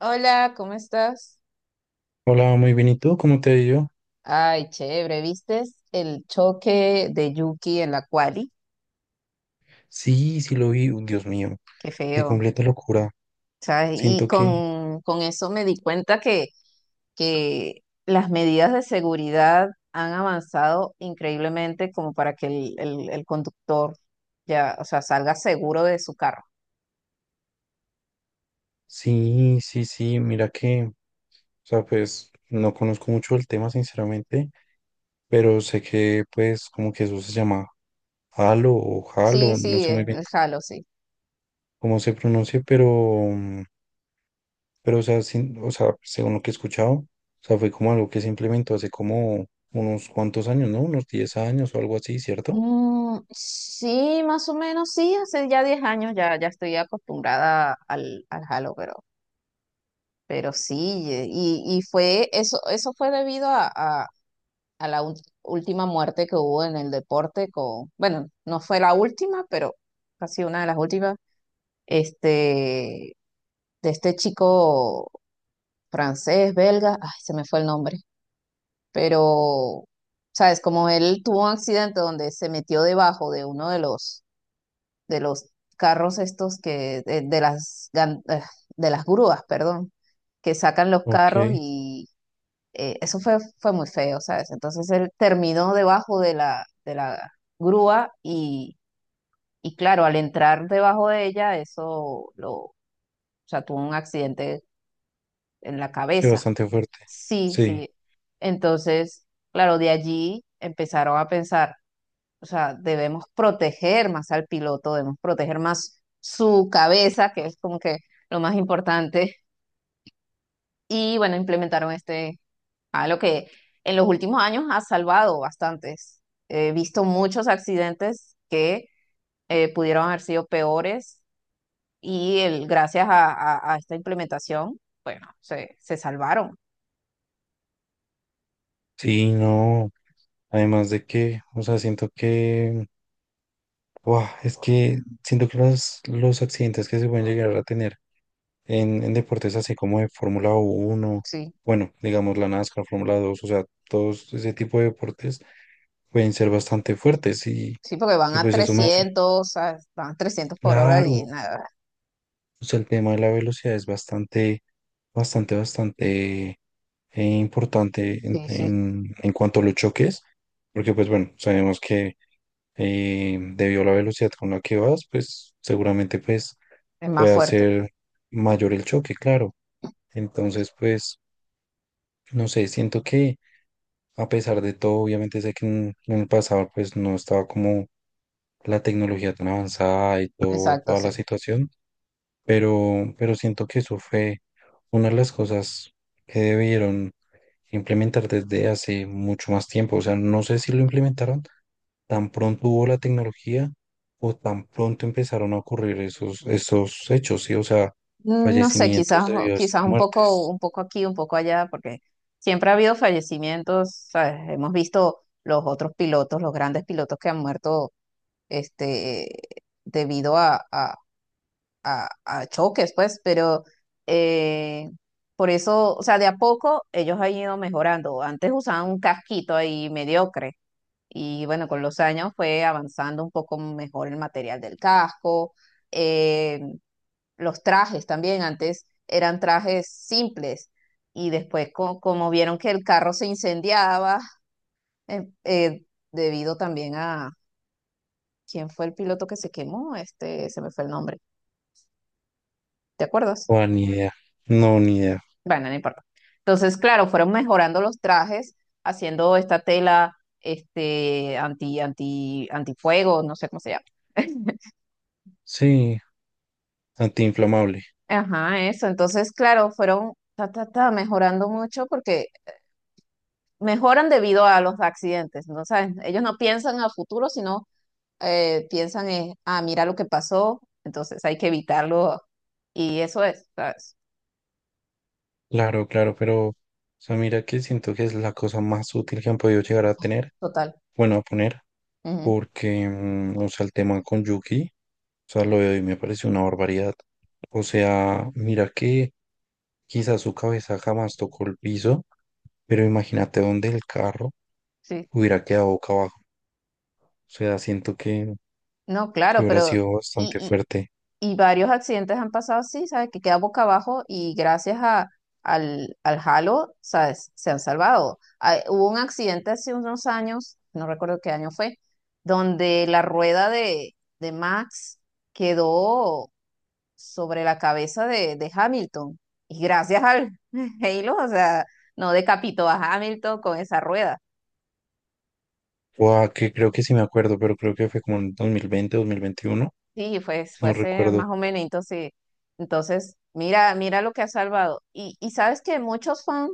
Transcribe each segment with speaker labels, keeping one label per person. Speaker 1: Hola, ¿cómo estás?
Speaker 2: Hola, muy bien. ¿Y tú? ¿Cómo te ha ido?
Speaker 1: Ay, chévere, ¿vistes el choque de Yuki en la quali?
Speaker 2: Sí, lo vi. Uy, Dios mío,
Speaker 1: Qué
Speaker 2: de
Speaker 1: feo.
Speaker 2: completa locura.
Speaker 1: ¿Sabes? Y
Speaker 2: Siento que
Speaker 1: con eso me di cuenta que las medidas de seguridad han avanzado increíblemente como para que el conductor ya, o sea, salga seguro de su carro.
Speaker 2: sí, sí, sí. Mira que, o sea, pues no conozco mucho el tema, sinceramente, pero sé que, pues, como que eso se llama Halo o
Speaker 1: Sí,
Speaker 2: Halo, no
Speaker 1: sí,
Speaker 2: sé muy bien
Speaker 1: el Halo, sí.
Speaker 2: cómo se pronuncia, pero, mm, pero, o sea, o sea, según lo que he escuchado, o sea, fue como algo que se implementó hace como unos cuantos años, ¿no? Unos 10 años o algo así, ¿cierto?
Speaker 1: Mm, sí, más o menos, sí, hace ya 10 años ya, ya estoy acostumbrada al Halo, pero sí, y fue eso, eso fue debido a la última muerte que hubo en el deporte con, bueno, no fue la última, pero casi una de las últimas, este, de este chico francés, belga, ay, se me fue el nombre, pero, sabes, como él tuvo un accidente donde se metió debajo de uno de los carros estos que, de las, de las grúas, perdón, que sacan los
Speaker 2: Ok,
Speaker 1: carros y eso fue muy feo, ¿sabes? Entonces él terminó debajo de la grúa y claro, al entrar debajo de ella, o sea, tuvo un accidente en la
Speaker 2: sí,
Speaker 1: cabeza.
Speaker 2: bastante fuerte.
Speaker 1: Sí,
Speaker 2: Sí.
Speaker 1: sí. Entonces, claro, de allí empezaron a pensar, o sea, debemos proteger más al piloto, debemos proteger más su cabeza, que es como que lo más importante. Y bueno, implementaron algo que en los últimos años ha salvado bastantes. He visto muchos accidentes que pudieron haber sido peores y el, gracias a esta implementación, bueno, se salvaron.
Speaker 2: Sí, no, además de que, o sea, siento que, wow, es que siento que los accidentes que se pueden llegar a tener en deportes así como de Fórmula uno,
Speaker 1: Sí,
Speaker 2: bueno, digamos la NASCAR, Fórmula dos, o sea, todos ese tipo de deportes pueden ser bastante fuertes
Speaker 1: sí, porque
Speaker 2: y pues eso me hace,
Speaker 1: van a 300 por hora y
Speaker 2: claro,
Speaker 1: nada.
Speaker 2: o sea, el tema de la velocidad es bastante, bastante, bastante importante en,
Speaker 1: Sí, sí,
Speaker 2: en cuanto a los choques, porque pues bueno, sabemos que debido a la velocidad con la que vas, pues seguramente pues
Speaker 1: es más
Speaker 2: puede
Speaker 1: fuerte.
Speaker 2: ser mayor el choque, claro. Entonces, pues, no sé, siento que a pesar de todo, obviamente sé que en el pasado pues no estaba como la tecnología tan avanzada y todo,
Speaker 1: Exacto,
Speaker 2: toda
Speaker 1: sí.
Speaker 2: la situación, pero siento que eso fue una de las cosas que debieron implementar desde hace mucho más tiempo. O sea, no sé si lo implementaron, tan pronto hubo la tecnología o tan pronto empezaron a ocurrir esos, esos hechos, ¿sí? O sea,
Speaker 1: Mm, no sé, quizás,
Speaker 2: fallecimientos debido a estas
Speaker 1: quizás
Speaker 2: muertes.
Speaker 1: un poco aquí, un poco allá, porque siempre ha habido fallecimientos, ¿sabes? Hemos visto los otros pilotos, los grandes pilotos que han muerto, este, debido a choques, pues, pero eh, por eso, o sea, de a poco ellos han ido mejorando. Antes usaban un casquito ahí mediocre y bueno, con los años fue avanzando un poco mejor el material del casco. eh, los trajes también, antes eran trajes simples y después como vieron que el carro se incendiaba, eh, eh, debido también a, ¿quién fue el piloto que se quemó? Se me fue el nombre, ¿te acuerdas?
Speaker 2: O ni idea. No, ni idea.
Speaker 1: Bueno, no importa. Entonces, claro, fueron mejorando los trajes, haciendo esta tela, este, anti, anti, antifuego, no sé cómo se llama.
Speaker 2: Sí, antiinflamable.
Speaker 1: Ajá, eso. Entonces, claro, fueron mejorando mucho porque mejoran debido a los accidentes, ¿no? O ellos no piensan a futuro, sino piensan en, ah, mira lo que pasó, entonces hay que evitarlo. Y eso es, ¿sabes?
Speaker 2: Claro, claro, pero, o sea, mira que siento que es la cosa más útil que han podido llegar a tener,
Speaker 1: Total.
Speaker 2: bueno, a poner,
Speaker 1: Ujú,
Speaker 2: porque, o sea, el tema con Yuki, o sea, lo de hoy me pareció una barbaridad. O sea, mira que quizás su cabeza jamás tocó el piso. Pero imagínate donde el carro
Speaker 1: sí.
Speaker 2: hubiera quedado boca abajo. O sea, siento
Speaker 1: No,
Speaker 2: que
Speaker 1: claro,
Speaker 2: hubiera
Speaker 1: pero.
Speaker 2: sido bastante
Speaker 1: Y,
Speaker 2: fuerte.
Speaker 1: y varios accidentes han pasado así, ¿sabes? Que queda boca abajo y gracias al halo, ¿sabes? Se han salvado. Ah, hubo un accidente hace unos años, no recuerdo qué año fue, donde la rueda de Max quedó sobre la cabeza de Hamilton. Y gracias al Halo, o sea, no decapitó a Hamilton con esa rueda.
Speaker 2: O que creo que sí me acuerdo, pero creo que fue como en 2020, 2021.
Speaker 1: Sí, fue
Speaker 2: No
Speaker 1: ese más
Speaker 2: recuerdo.
Speaker 1: o menos. Entonces mira, mira lo que ha salvado. Y sabes que muchos fans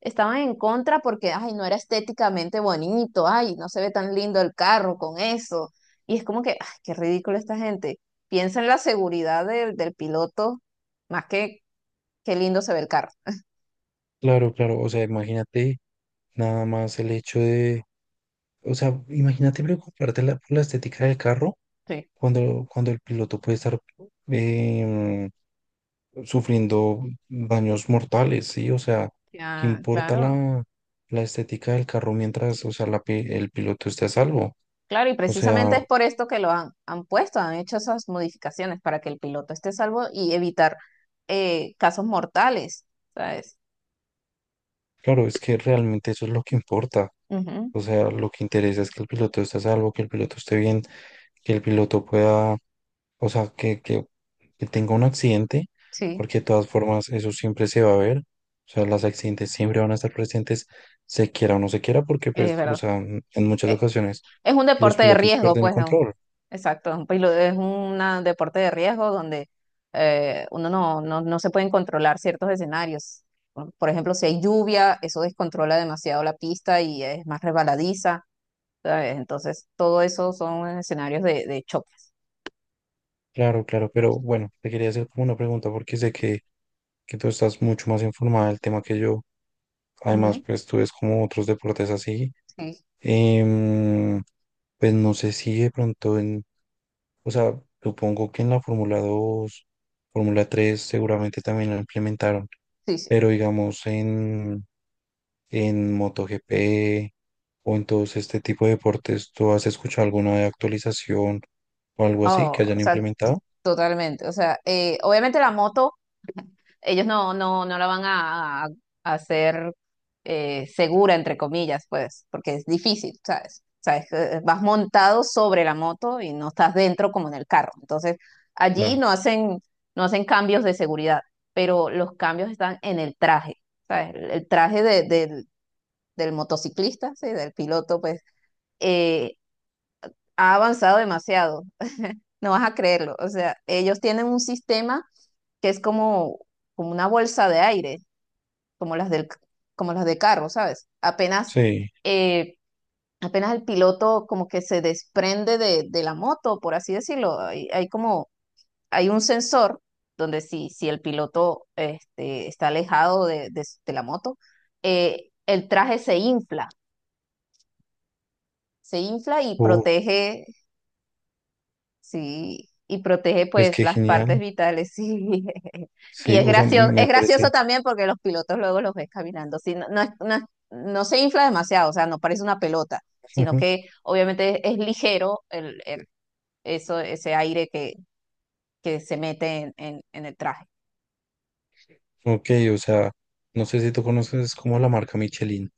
Speaker 1: estaban en contra porque, ay, no era estéticamente bonito, ay, no se ve tan lindo el carro con eso. Y es como que, ay, qué ridículo esta gente. Piensa en la seguridad del piloto más que qué lindo se ve el carro.
Speaker 2: Claro, claro. O sea, imagínate nada más el hecho de... O sea, imagínate preocuparte por la estética del carro
Speaker 1: Sí,
Speaker 2: cuando, cuando el piloto puede estar... em, sufriendo daños mortales, ¿sí? O sea, ¿qué
Speaker 1: ya,
Speaker 2: importa
Speaker 1: claro.
Speaker 2: la, la estética del carro mientras, o sea, el piloto esté a salvo?
Speaker 1: Claro, y
Speaker 2: O
Speaker 1: precisamente
Speaker 2: sea,
Speaker 1: es por esto que lo han puesto, han hecho esas modificaciones para que el piloto esté salvo y evitar casos mortales, ¿sabes?
Speaker 2: claro, es que realmente eso es lo que importa.
Speaker 1: Ujú,
Speaker 2: O sea, lo que interesa es que el piloto esté a salvo, que el piloto esté bien, que el piloto pueda, o sea, que tenga un accidente,
Speaker 1: sí,
Speaker 2: porque de todas formas eso siempre se va a ver. O sea, los accidentes siempre van a estar presentes, se quiera o no se quiera, porque pues,
Speaker 1: es
Speaker 2: o
Speaker 1: verdad.
Speaker 2: sea, en muchas
Speaker 1: Eh,
Speaker 2: ocasiones
Speaker 1: es un
Speaker 2: los
Speaker 1: deporte de
Speaker 2: pilotos
Speaker 1: riesgo,
Speaker 2: pierden el
Speaker 1: pues, ¿no?
Speaker 2: control.
Speaker 1: Exacto, es un deporte de riesgo donde uno no se pueden controlar ciertos escenarios. Por ejemplo, si hay lluvia, eso descontrola demasiado la pista y es más resbaladiza, ¿sabes? Entonces, todo eso son escenarios de choques.
Speaker 2: Claro, claro, pero bueno, te quería hacer como una pregunta porque sé que tú estás mucho más informada del tema que yo. Además,
Speaker 1: Ujú,
Speaker 2: pues tú ves como otros deportes así.
Speaker 1: sí.
Speaker 2: Em, pues no sé si de pronto en, o sea, supongo que en la Fórmula dos, Fórmula tres seguramente también lo implementaron,
Speaker 1: Sí, sí.
Speaker 2: pero digamos en MotoGP o en todos este tipo de deportes, ¿tú has escuchado alguna de actualización o algo así
Speaker 1: Oh,
Speaker 2: que
Speaker 1: o
Speaker 2: hayan
Speaker 1: sea,
Speaker 2: implementado?
Speaker 1: totalmente. O sea, obviamente la moto, ellos no la van a hacer segura, entre comillas, pues, porque es difícil, ¿sabes? O sea, vas montado sobre la moto y no estás dentro como en el carro. Entonces, allí
Speaker 2: Claro.
Speaker 1: no hacen cambios de seguridad, pero los cambios están en el traje, ¿sabes? El traje del motociclista, ¿sí? Del piloto, pues, eh, ha avanzado demasiado. No vas a creerlo. O sea, ellos tienen un sistema que es como, como una bolsa de aire, como las del, como las de carro, ¿sabes?
Speaker 2: Sí.
Speaker 1: Eh, apenas el piloto como que se desprende de la moto, por así decirlo. Hay un sensor donde si el piloto está alejado de la moto, el traje se infla y
Speaker 2: Oh,
Speaker 1: protege. Sí, y protege
Speaker 2: pues
Speaker 1: pues
Speaker 2: qué
Speaker 1: las
Speaker 2: genial.
Speaker 1: partes vitales, sí. Y
Speaker 2: Sí, o sea, me
Speaker 1: es
Speaker 2: parece.
Speaker 1: gracioso también porque los pilotos luego los ves caminando, sí, no, no, no, no se infla demasiado, o sea, no parece una pelota, sino que obviamente es ligero eso, ese aire que se mete en el traje.
Speaker 2: Ok, o sea, no sé si tú conoces como la marca Michelin,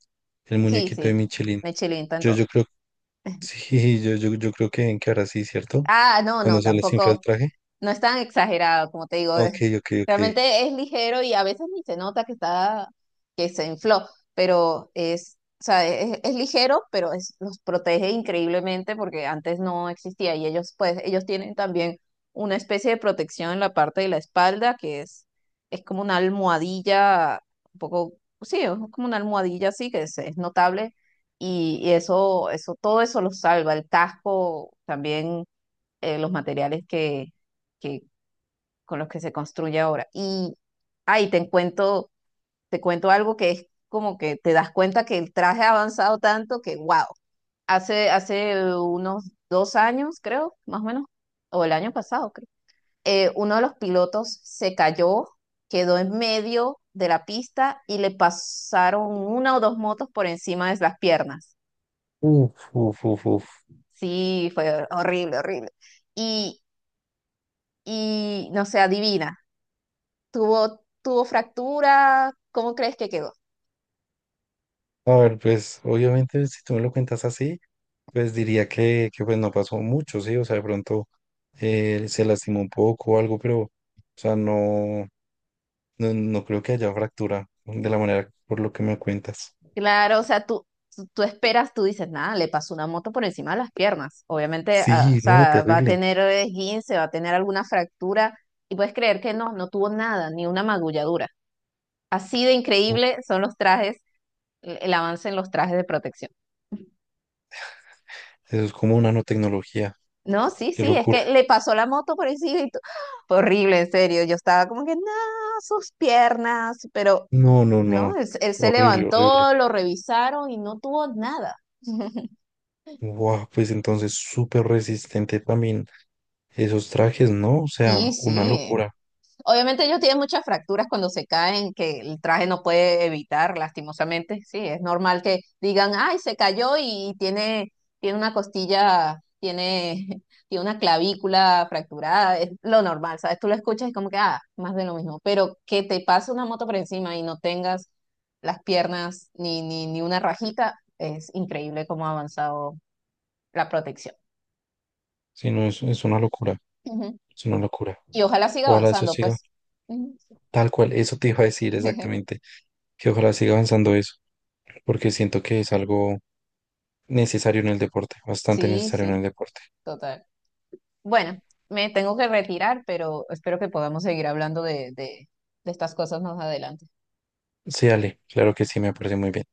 Speaker 2: el
Speaker 1: Sí,
Speaker 2: muñequito de
Speaker 1: sí,
Speaker 2: Michelin.
Speaker 1: me chilienta en
Speaker 2: Yo,
Speaker 1: todo.
Speaker 2: yo creo, sí, yo creo que, ven que ahora sí, ¿cierto?
Speaker 1: Ah, no,
Speaker 2: Cuando
Speaker 1: no,
Speaker 2: se les infla el
Speaker 1: tampoco.
Speaker 2: traje.
Speaker 1: No es tan exagerado, como te digo.
Speaker 2: Ok, ok, ok.
Speaker 1: Realmente es ligero y a veces ni se nota que está, que se infló, pero es, o sea, es ligero, pero los protege increíblemente porque antes no existía y ellos, pues, ellos tienen también una especie de protección en la parte de la espalda que es como una almohadilla, un poco, sí, es como una almohadilla así que es notable y todo eso los salva. El casco también los materiales que- con los que se construye ahora. Y ahí te cuento algo que es como que te das cuenta que el traje ha avanzado tanto que, wow, hace unos 2 años, creo, más o menos, o el año pasado, creo, uno de los pilotos se cayó, quedó en medio de la pista y le pasaron una o dos motos por encima de las piernas.
Speaker 2: Uf, uf, uf, uf.
Speaker 1: Sí, fue horrible, horrible. Y, y no sé, adivina, tuvo fractura, ¿cómo crees que quedó?
Speaker 2: A ver, pues, obviamente, si tú me lo cuentas así, pues diría que pues no pasó mucho, sí, o sea, de pronto se lastimó un poco o algo, pero, o sea, no, no, no creo que haya fractura de la manera por lo que me cuentas.
Speaker 1: Claro, o sea, tú esperas, tú dices, nada, le pasó una moto por encima de las piernas. Obviamente, ah, o
Speaker 2: Sí, no,
Speaker 1: sea, va a
Speaker 2: terrible.
Speaker 1: tener esguince, va a tener alguna fractura, y puedes creer que no, no tuvo nada, ni una magulladura. Así de
Speaker 2: Oh,
Speaker 1: increíble son los trajes, el avance en los trajes de protección.
Speaker 2: eso es como una nanotecnología.
Speaker 1: No, sí,
Speaker 2: Qué
Speaker 1: sí, es
Speaker 2: locura.
Speaker 1: que le pasó la moto por encima y ¡ah! Fue horrible, en serio. Yo estaba como que, no, sus piernas, pero
Speaker 2: No, no,
Speaker 1: ¿no?
Speaker 2: no.
Speaker 1: Él se
Speaker 2: Horrible, horrible.
Speaker 1: levantó, lo revisaron y no tuvo nada.
Speaker 2: Wow, pues entonces súper resistente también esos trajes, ¿no? O sea,
Speaker 1: Sí,
Speaker 2: una
Speaker 1: sí.
Speaker 2: locura.
Speaker 1: Obviamente ellos tienen muchas fracturas cuando se caen, que el traje no puede evitar, lastimosamente. Sí, es normal que digan, ay, se cayó y tiene, tiene una costilla, tiene, tiene una clavícula fracturada. Es lo normal, ¿sabes? Tú lo escuchas y como que, ah, más de lo mismo. Pero que te pase una moto por encima y no tengas las piernas ni una rajita, es increíble cómo ha avanzado la protección.
Speaker 2: Sí, no, es una locura.
Speaker 1: Ujú.
Speaker 2: Es una locura.
Speaker 1: Y ojalá siga
Speaker 2: Ojalá eso
Speaker 1: avanzando,
Speaker 2: siga
Speaker 1: pues. Ujú.
Speaker 2: tal cual. Eso te iba a decir exactamente. Que ojalá siga avanzando eso. Porque siento que es algo necesario en el deporte. Bastante
Speaker 1: Sí,
Speaker 2: necesario en
Speaker 1: sí,
Speaker 2: el deporte.
Speaker 1: total. Bueno, me tengo que retirar, pero espero que podamos seguir hablando de estas cosas más adelante.
Speaker 2: Sí, Ale, claro que sí, me parece muy bien.